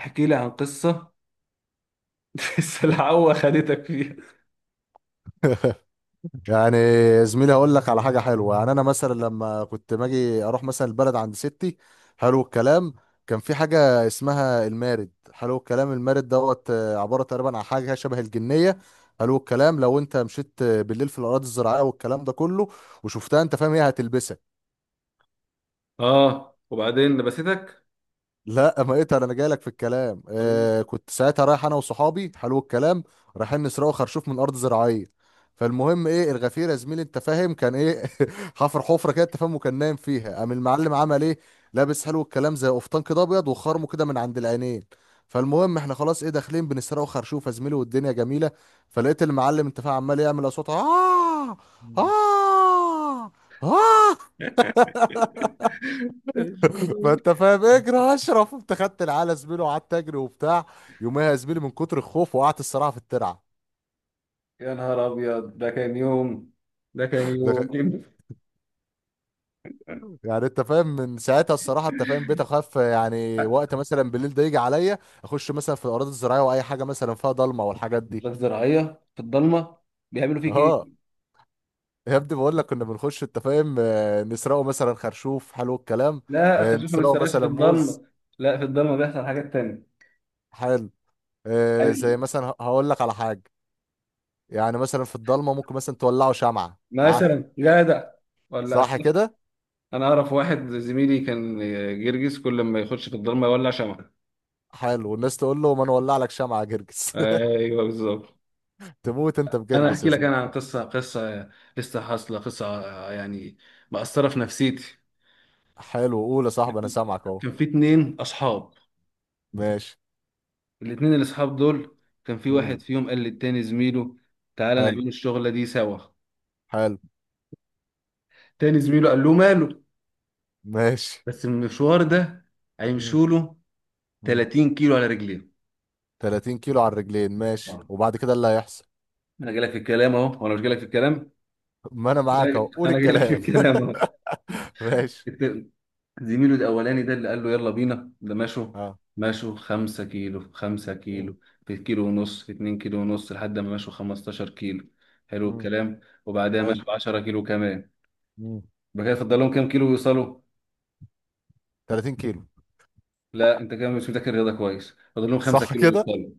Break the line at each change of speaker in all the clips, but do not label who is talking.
احكي لي عن قصة. السلعوة خدتك فيها.
يعني زميلي هقول لك على حاجه حلوه. يعني انا مثلا لما كنت باجي اروح مثلا البلد عند ستي، حلو الكلام، كان في حاجه اسمها المارد. حلو الكلام. المارد دوت، عباره تقريبا عن حاجه شبه الجنيه. حلو الكلام. لو انت مشيت بالليل في الاراضي الزراعيه والكلام ده كله وشفتها، انت فاهم، هي هتلبسك.
اه، وبعدين لبستك؟
لا ما اقدر، انا جاي لك في الكلام.
طب-
كنت ساعتها رايح انا وصحابي، حلو الكلام، رايحين نسرقوا خرشوف من ارض زراعيه. فالمهم ايه، الغفير يا زميلي، انت فاهم، كان ايه؟ حفر حفره كده، انت فاهم، وكان نايم فيها. قام المعلم عمل ايه؟ لابس، حلو الكلام، زي قفطان كده ابيض وخرمه كده من عند العينين. فالمهم احنا خلاص ايه داخلين بنسرقوا خرشوف يا زميلي والدنيا جميله. فلقيت المعلم، انت فاهم، عمال يعمل اصوات. اه. اه. اه. ما انت فاهم، اجري يا اشرف. انت خدت العلى زميله وقعدت اجري وبتاع. يوميها يا زميلي من كتر الخوف وقعت الصراحه في الترعه.
يا نهار أبيض، ده كان يوم. ده كان يوم.
ده- يعني انت فاهم، من ساعتها الصراحه، انت فاهم، بقيت اخاف. يعني وقت مثلا بالليل ده يجي عليا اخش مثلا في الاراضي الزراعيه واي حاجه مثلا فيها ضلمه والحاجات دي.
لك زراعية في الضلمة؟ بيعملوا فيك
اه،
إيه؟
يا ابني بقول لك كنا بنخش، انت فاهم، نسرقه مثلا خرشوف، حلو الكلام.
لا، خفيف، ما
نسرقه
تسرقش في
مثلا موز.
الضلمة. لا، في الضلمة بيحصل حاجات تانية.
حلو. زي
يعني
مثلا هقول لك على حاجه. يعني مثلا في الضلمه ممكن مثلا تولعه شمعه. اه
مثلا جدع ولا أسف؟
صح كده.
انا اعرف واحد زميلي كان جرجس، كل ما يخش في الضلمه يولع شمعه.
حلو، الناس تقول له ما نولع لك شمعة يا جرجس؟
ايوه، بالظبط.
تموت انت
انا
بجرجس يا
احكي لك،
زميلي.
انا عن قصه، قصه لسه حاصله، قصه يعني مأثره في نفسيتي.
حلو، قول يا صاحبي انا سامعك اهو.
كان في اتنين اصحاب.
ماشي.
الاتنين الاصحاب دول كان في واحد
مم.
فيهم قال للتاني زميله: تعالى
حلو.
نعمل الشغله دي سوا.
حلو.
تاني زميله قال له: ماله،
ماشي.
بس المشوار ده
مم.
هيمشوا له
مم.
30 كيلو على رجليه.
30 كيلو على الرجلين، ماشي. وبعد كده اللي هيحصل؟
انا جاي لك في الكلام اهو، وانا مش جاي لك في الكلام.
ما انا معاك اهو، قول
انا جاي لك في
الكلام.
الكلام اهو.
ماشي.
الت- زميله الاولاني ده اللي قال له: يلا بينا، ده مشوا.
اه.
مشوا 5 كيلو في خمسة
مم.
كيلو في كيلو ونص، في 2 كيلو ونص، لحد ما مشوا 15 كيلو. حلو
مم.
الكلام. وبعدها
حلو.
مشوا 10 كيلو كمان.
مم.
يبقى كده فضل لهم كام كيلو يوصلوا؟
30 كيلو.
لا، انت كده مش مذاكر الرياضة كويس. فضل لهم خمسة
صح
كيلو
كده.
يوصلوا.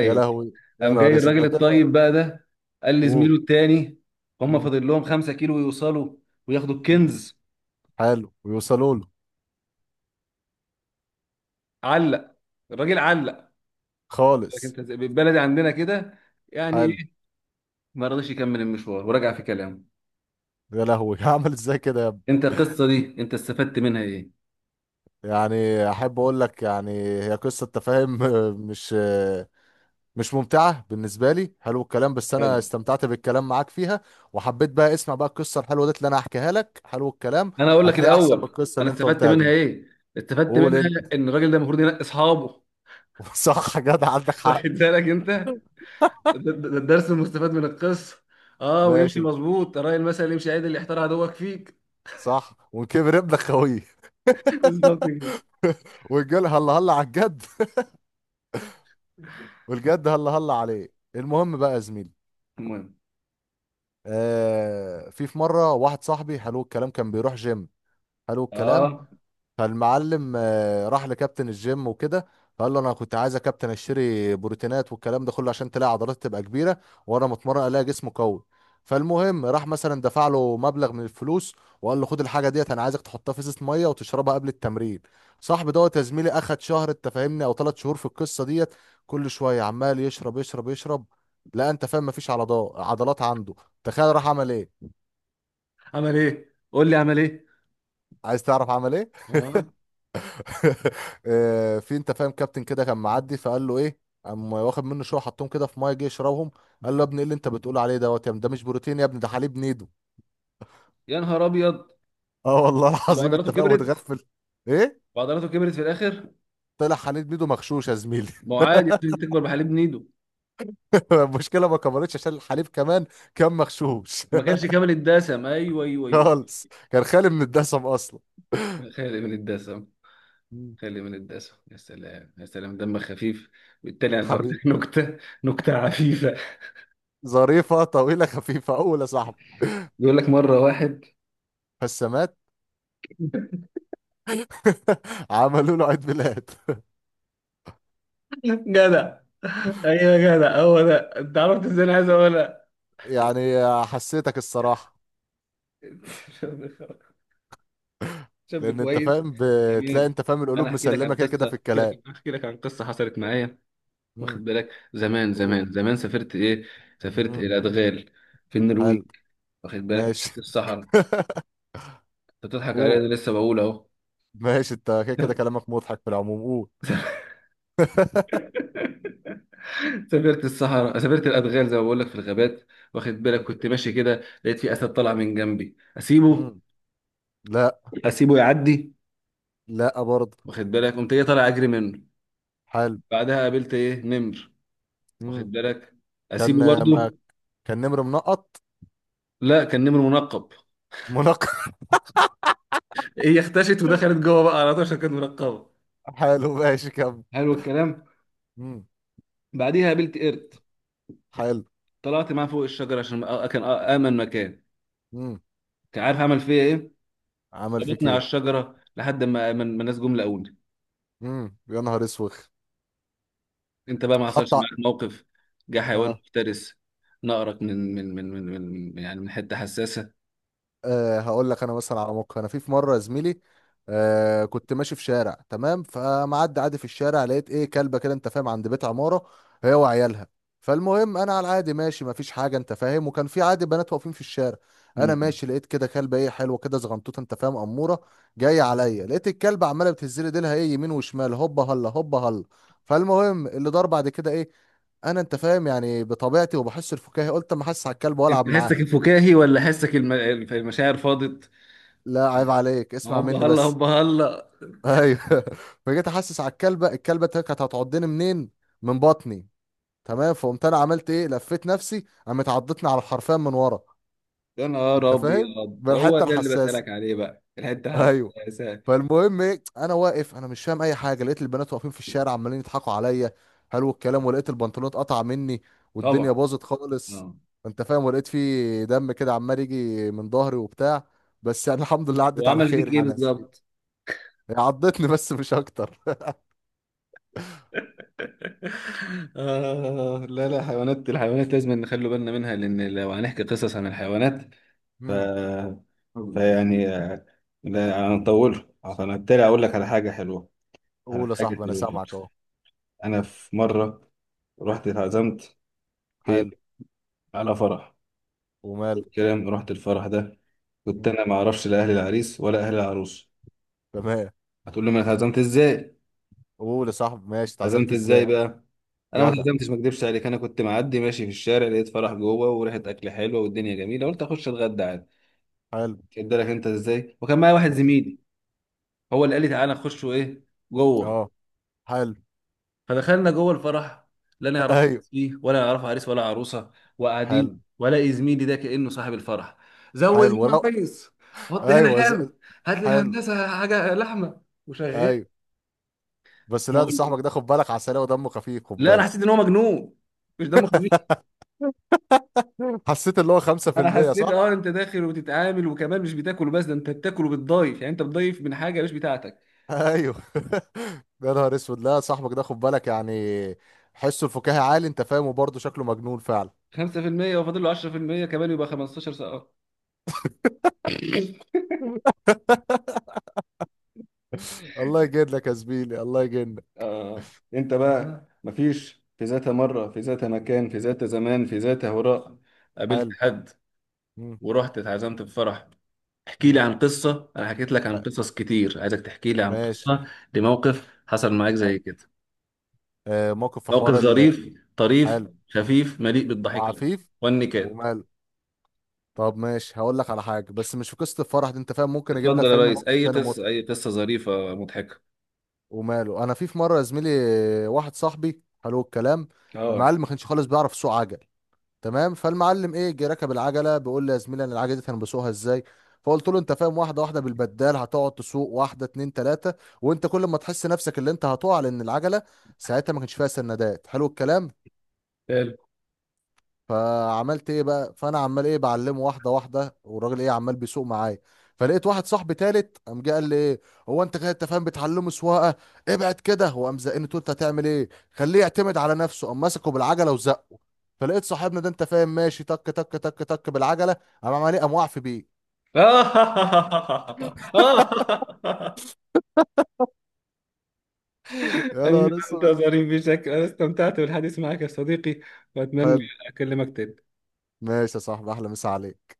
يا لهوي. يا
قام
نهار
جاي
اسود،
الراجل
ده كده.
الطيب بقى ده، قال
قول.
لزميله التاني: هم
مم.
فاضل لهم 5 كيلو يوصلوا وياخدوا
مم.
الكنز.
حلو، ويوصلوا له.
علق الراجل، علق. لكن
خالص.
انت بالبلدي عندنا كده، يعني
حلو.
إيه؟ ما رضيش يكمل المشوار ورجع في كلامه.
يا لهوي. هعمل ازاي كده؟
انت القصه دي انت استفدت منها ايه؟
يعني، احب اقول لك، يعني هي قصه تفاهم. مش مش ممتعه بالنسبه لي، حلو الكلام، بس انا
حلو.
استمتعت بالكلام معاك فيها. وحبيت بقى اسمع بقى القصه الحلوه دي اللي انا هحكيها لك، حلو الكلام.
انا اقول لك
هتلاقي احسن من
الاول
القصه
انا
اللي انت
استفدت
قلتها
منها
دي.
ايه. استفدت
قول
منها
انت.
ان الراجل ده المفروض ينقي اصحابه.
صح، جدع، عندك
واخد
حق.
بالك انت؟ ده الدرس المستفاد من القصه. اه، ويمشي
ماشي.
مظبوط، ترى المثل يمشي عدل يحتار عدوك فيك.
صح، وكبر ابنك خويه.
بالظبط كده.
والجل هلا هلا على الجد. والجد هلا هلا عليه. المهم بقى يا زميلي،
المهم.
في مره واحد صاحبي، حلو الكلام، كان بيروح جيم. حلو الكلام.
اه،
فالمعلم راح لكابتن الجيم وكده. فقال له انا كنت عايز يا كابتن اشتري بروتينات والكلام ده كله، عشان تلاقي عضلات تبقى كبيره وانا متمرن الاقي جسم قوي. فالمهم راح مثلا دفع له مبلغ من الفلوس، وقال له خد الحاجه ديت، انا عايزك تحطها في ازازه ميه وتشربها قبل التمرين. صاحبي دوت يا زميلي اخد شهر، انت فاهمني، او ثلاث شهور في القصه ديت، كل شويه عمال يشرب يشرب يشرب. لا انت فاهم، مفيش عضلات عنده. تخيل راح عمل ايه.
عمل ايه؟ قول لي عمل ايه.
عايز تعرف عمل ايه؟
اه،
في، انت فاهم، كابتن كده كان معدي، فقال له ايه. قام واخد منه شويه، حطهم كده في ميه، جه يشربهم. قال له يا ابني ايه اللي انت بتقول عليه دوت؟ يا ابني ده مش بروتين يا ابني، ده حليب نيدو.
يا نهار ابيض.
اه والله
طب
العظيم،
عضلاته
انت فاهم،
كبرت؟
متغفل. ايه،
وعضلاته كبرت في الاخر؟
طلع حليب نيدو مغشوش يا زميلي.
ما هو عادي، ممكن تكبر بحليب نيدو.
المشكله ما كبرتش، عشان الحليب كمان كان مغشوش.
ما كانش كامل الدسم، ايوه ايوه ايوه.
خالص، كان خالي من الدسم اصلا.
خالي من الدسم.
مم.
خالي من الدسم، يا سلام يا سلام، دمك خفيف. بالتالي انا هقول
حبيبي.
لك نكته، نكته عفيفه.
ظريفه طويله خفيفه اول يا صاحبي.
بيقول لك مره واحد
فالسمات. عملوا له عيد ميلاد.
جدع. ايوه يا جدع، هو ده. انت عرفت ازاي انا عايز اقولها؟
يعني حسيتك الصراحه.
شاب
لان انت
كويس.
فاهم، بتلاقي،
جميل.
انت فاهم،
انا
القلوب
احكي لك
مسلمه
عن
كده كده
قصه،
في
احكي
الكلام.
لك احكي لك عن قصه حصلت معايا.
امم.
واخد بالك؟ زمان
اوه.
زمان زمان، سافرت ايه، سافرت
امم.
الى ادغال في
حلو.
النرويج. واخد بالك؟ مشيت
ماشي.
في الصحراء انت. بتضحك عليا؟
اوه.
أنا لسه بقول اهو.
ماشي، انت كده كده كلامك مضحك في العموم. اوه.
سافرت الصحراء، سافرت الادغال، زي ما بقول لك، في الغابات. واخد بالك؟
مم.
كنت ماشي كده، لقيت في اسد طلع من جنبي، اسيبه،
مم. لا.
اسيبه يعدي.
لا برضه.
واخد بالك؟ قمت ايه، طالع اجري منه.
حلو.
بعدها قابلت ايه، نمر.
مم.
واخد بالك، اسيبه
كان ما،
برضه؟
كان نمر منقط.
لا، كان نمر منقب.
منقط.
هي اختشت ودخلت جوه بقى على طول عشان كانت منقبه.
حلو، ماشي كمل.
حلو الكلام.
مم.
بعديها قابلت قرد.
حلو.
طلعت معاه فوق الشجره عشان كان امن مكان.
مم.
كان عارف عمل فيا ايه؟
عمل فيك
ربطني على
ايه؟
الشجره لحد ما الناس جم لقوني.
مم. يا نهار اسوخ.
انت بقى ما
حط
حصلش
ع-
معاك موقف؟ جه حيوان
اه.
مفترس نقرك من يعني من حته حساسه؟
أه هقول لك انا مثلا على موقف. انا في مره يا زميلي، كنت ماشي في شارع تمام، فمعدي عادي في الشارع لقيت ايه، كلبه كده، انت فاهم، عند بيت عماره، هي وعيالها. فالمهم انا على العادي ماشي، مفيش حاجه، انت فاهم، وكان في عادي بنات واقفين في الشارع. انا
مم.
ماشي لقيت كده كلبه ايه، حلوه كده، زغنطوطه، انت فاهم، اموره، جايه عليا. لقيت الكلبه عماله بتهز لي ديلها ايه يمين وشمال، هوبا هلا هوبا هلا. فالمهم اللي دار بعد كده ايه؟ انا انت فاهم يعني بطبيعتي وبحس الفكاهي، قلت ما احس على الكلب والعب
انت حسك
معاها.
الفكاهي ولا حسك المشاعر فاضت؟
لا عيب عليك، اسمع
هوبا
مني
هلا
بس.
هوبا هلا.
ايوه. فجيت احسس على الكلبه، الكلبه كانت هتعضني منين؟ من بطني. تمام. فقمت انا عملت ايه، لفيت نفسي، قامت عضتني على الحرفان من ورا.
يا نهار
انت فاهم
ابيض،
من
هو
الحته
ده اللي
الحساسه.
بسألك عليه بقى، الحته
ايوه.
حساسه.
فالمهم ايه، انا واقف انا مش فاهم اي حاجه، لقيت البنات واقفين في الشارع عمالين يضحكوا عليا، حلو الكلام، ولقيت البنطلون اتقطع مني والدنيا
طبعا.
باظت خالص.
اه.
انت فاهم، ولقيت فيه دم كده عمال يجي من ظهري وبتاع بس. يعني الحمد لله عدت على
وعمل
خير،
فيك ايه
يعني يا زميلي.
بالظبط؟
هي عضتني بس، مش اكتر.
آه، لا لا، حيوانات، الحيوانات لازم نخلي بالنا منها، لأن لو هنحكي قصص عن الحيوانات ف... فيعني لا، انا مطول. فانا بالتالي اقول لك على حاجه حلوه، على
قول يا
حاجه
صاحبي انا
حلوه.
سامعك اهو.
انا
مم.
في مره رحت اتعزمت. فين؟
حلو.
على فرح.
ومال.
الكلام. رحت الفرح ده، كنت
مم.
انا ما اعرفش لا اهل العريس ولا اهل العروس.
تمام.
هتقول لي: ما انا اتعزمت ازاي؟
قول يا صاحبي، ماشي، اتعزمت
اتعزمت ازاي
ازاي.
بقى؟ انا ما
جدع.
اتعزمتش، ما اكدبش عليك، انا كنت معدي ماشي في الشارع، لقيت فرح جوه وريحه اكل حلوه والدنيا جميله، قلت اخش اتغدى عادي.
حلو.
كدلك انت ازاي؟ وكان معايا واحد
واخد.
زميلي، هو اللي قال لي: تعالى نخش ايه، جوه.
اه. حلو.
فدخلنا جوه الفرح، لا نعرف
ايوه.
فيه ولا نعرف عريس ولا عروسه، وقاعدين،
حلو.
ولا زميلي ده كانه صاحب الفرح. زود
حلو
هنا
ورق.
كويس. حط هنا
ايوه.
حلو. هات
حلو.
للهندسه حاجه لحمه. وشغال.
ايوه. بس
أنا
لا، ده
أقول-
صاحبك ده خد بالك، عسلية ودمه خفيف، خد
لا، انا حسيت
بالك.
ان هو مجنون، مش دمه خفيف.
حسيت اللي هو.
انا
5%
حسيت
صح؟
انت داخل وبتتعامل وكمان مش بتاكل، بس ده انت بتاكل وبتضيف، يعني انت بتضيف من حاجه مش بتاعتك.
ايوه. يا نهار اسود. لا صاحبك ده خد بالك يعني، حسه الفكاهي عالي، انت فاهم، وبرضه شكله مجنون فعلا.
5% وفاضل له 10% كمان، يبقى 15، سقط.
الله يجنك يا زميلي، الله يجنك.
آه. انت بقى آه. مفيش في ذات مرة، في ذات مكان، في ذات زمان، في ذات هراء، قابلت
حلو.
حد
مم.
ورحت اتعزمت في فرح. احكي لي
مم.
عن قصة. انا حكيت لك عن قصص كتير، عايزك تحكي لي عن
ماشي.
قصة لموقف حصل معاك زي
حلو.
كده.
آه موقف في
موقف
حوار
ظريف طريف،
حلو.
خفيف، مليء بالضحكة
وعفيف.
والنكات.
وماله. طب ماشي، هقول لك على حاجه بس مش في قصه الفرح دي، انت فاهم، ممكن اجيب لك،
اتفضل يا
فاهمني،
ريس،
موقف
اي
تاني
قصة،
موت.
اي قصة ظريفة مضحكة.
وماله. انا في مره يا زميلي، واحد صاحبي، حلو الكلام،
اه.
المعلم ما كانش خالص بيعرف يسوق عجل. تمام. فالمعلم ايه، جه ركب العجله، بيقول لي يا زميلي انا العجله دي انا بسوقها ازاي. فقلت له انت فاهم، واحده واحده بالبدال هتقعد تسوق، واحده اتنين تلاته، وانت كل ما تحس نفسك اللي انت هتقع، لان العجله ساعتها ما كانش فيها سندات، حلو الكلام.
حلو.
فعملت ايه بقى، فانا عمال ايه بعلمه واحده واحده، والراجل ايه عمال بيسوق معايا. فلقيت واحد صاحبي تالت قام جه قال لي ايه، هو انت كده انت فاهم بتعلمه سواقه، ابعد كده. وقام زقني، تقول انت هتعمل ايه، خليه يعتمد على نفسه، قام مسكه بالعجله وزقه. فلقيت صاحبنا ده، انت فاهم، ماشي تك تك تك تك بالعجله، قام عمال ايه، قام واقف بيه. يا نهار
أنت
اسود.
ظريف بشكل، أنا استمتعت بالحديث معك يا صديقي، وأتمنى
حلو.
أكلمك تاني.
ماشي يا صاحبي، احلى مسا عليك.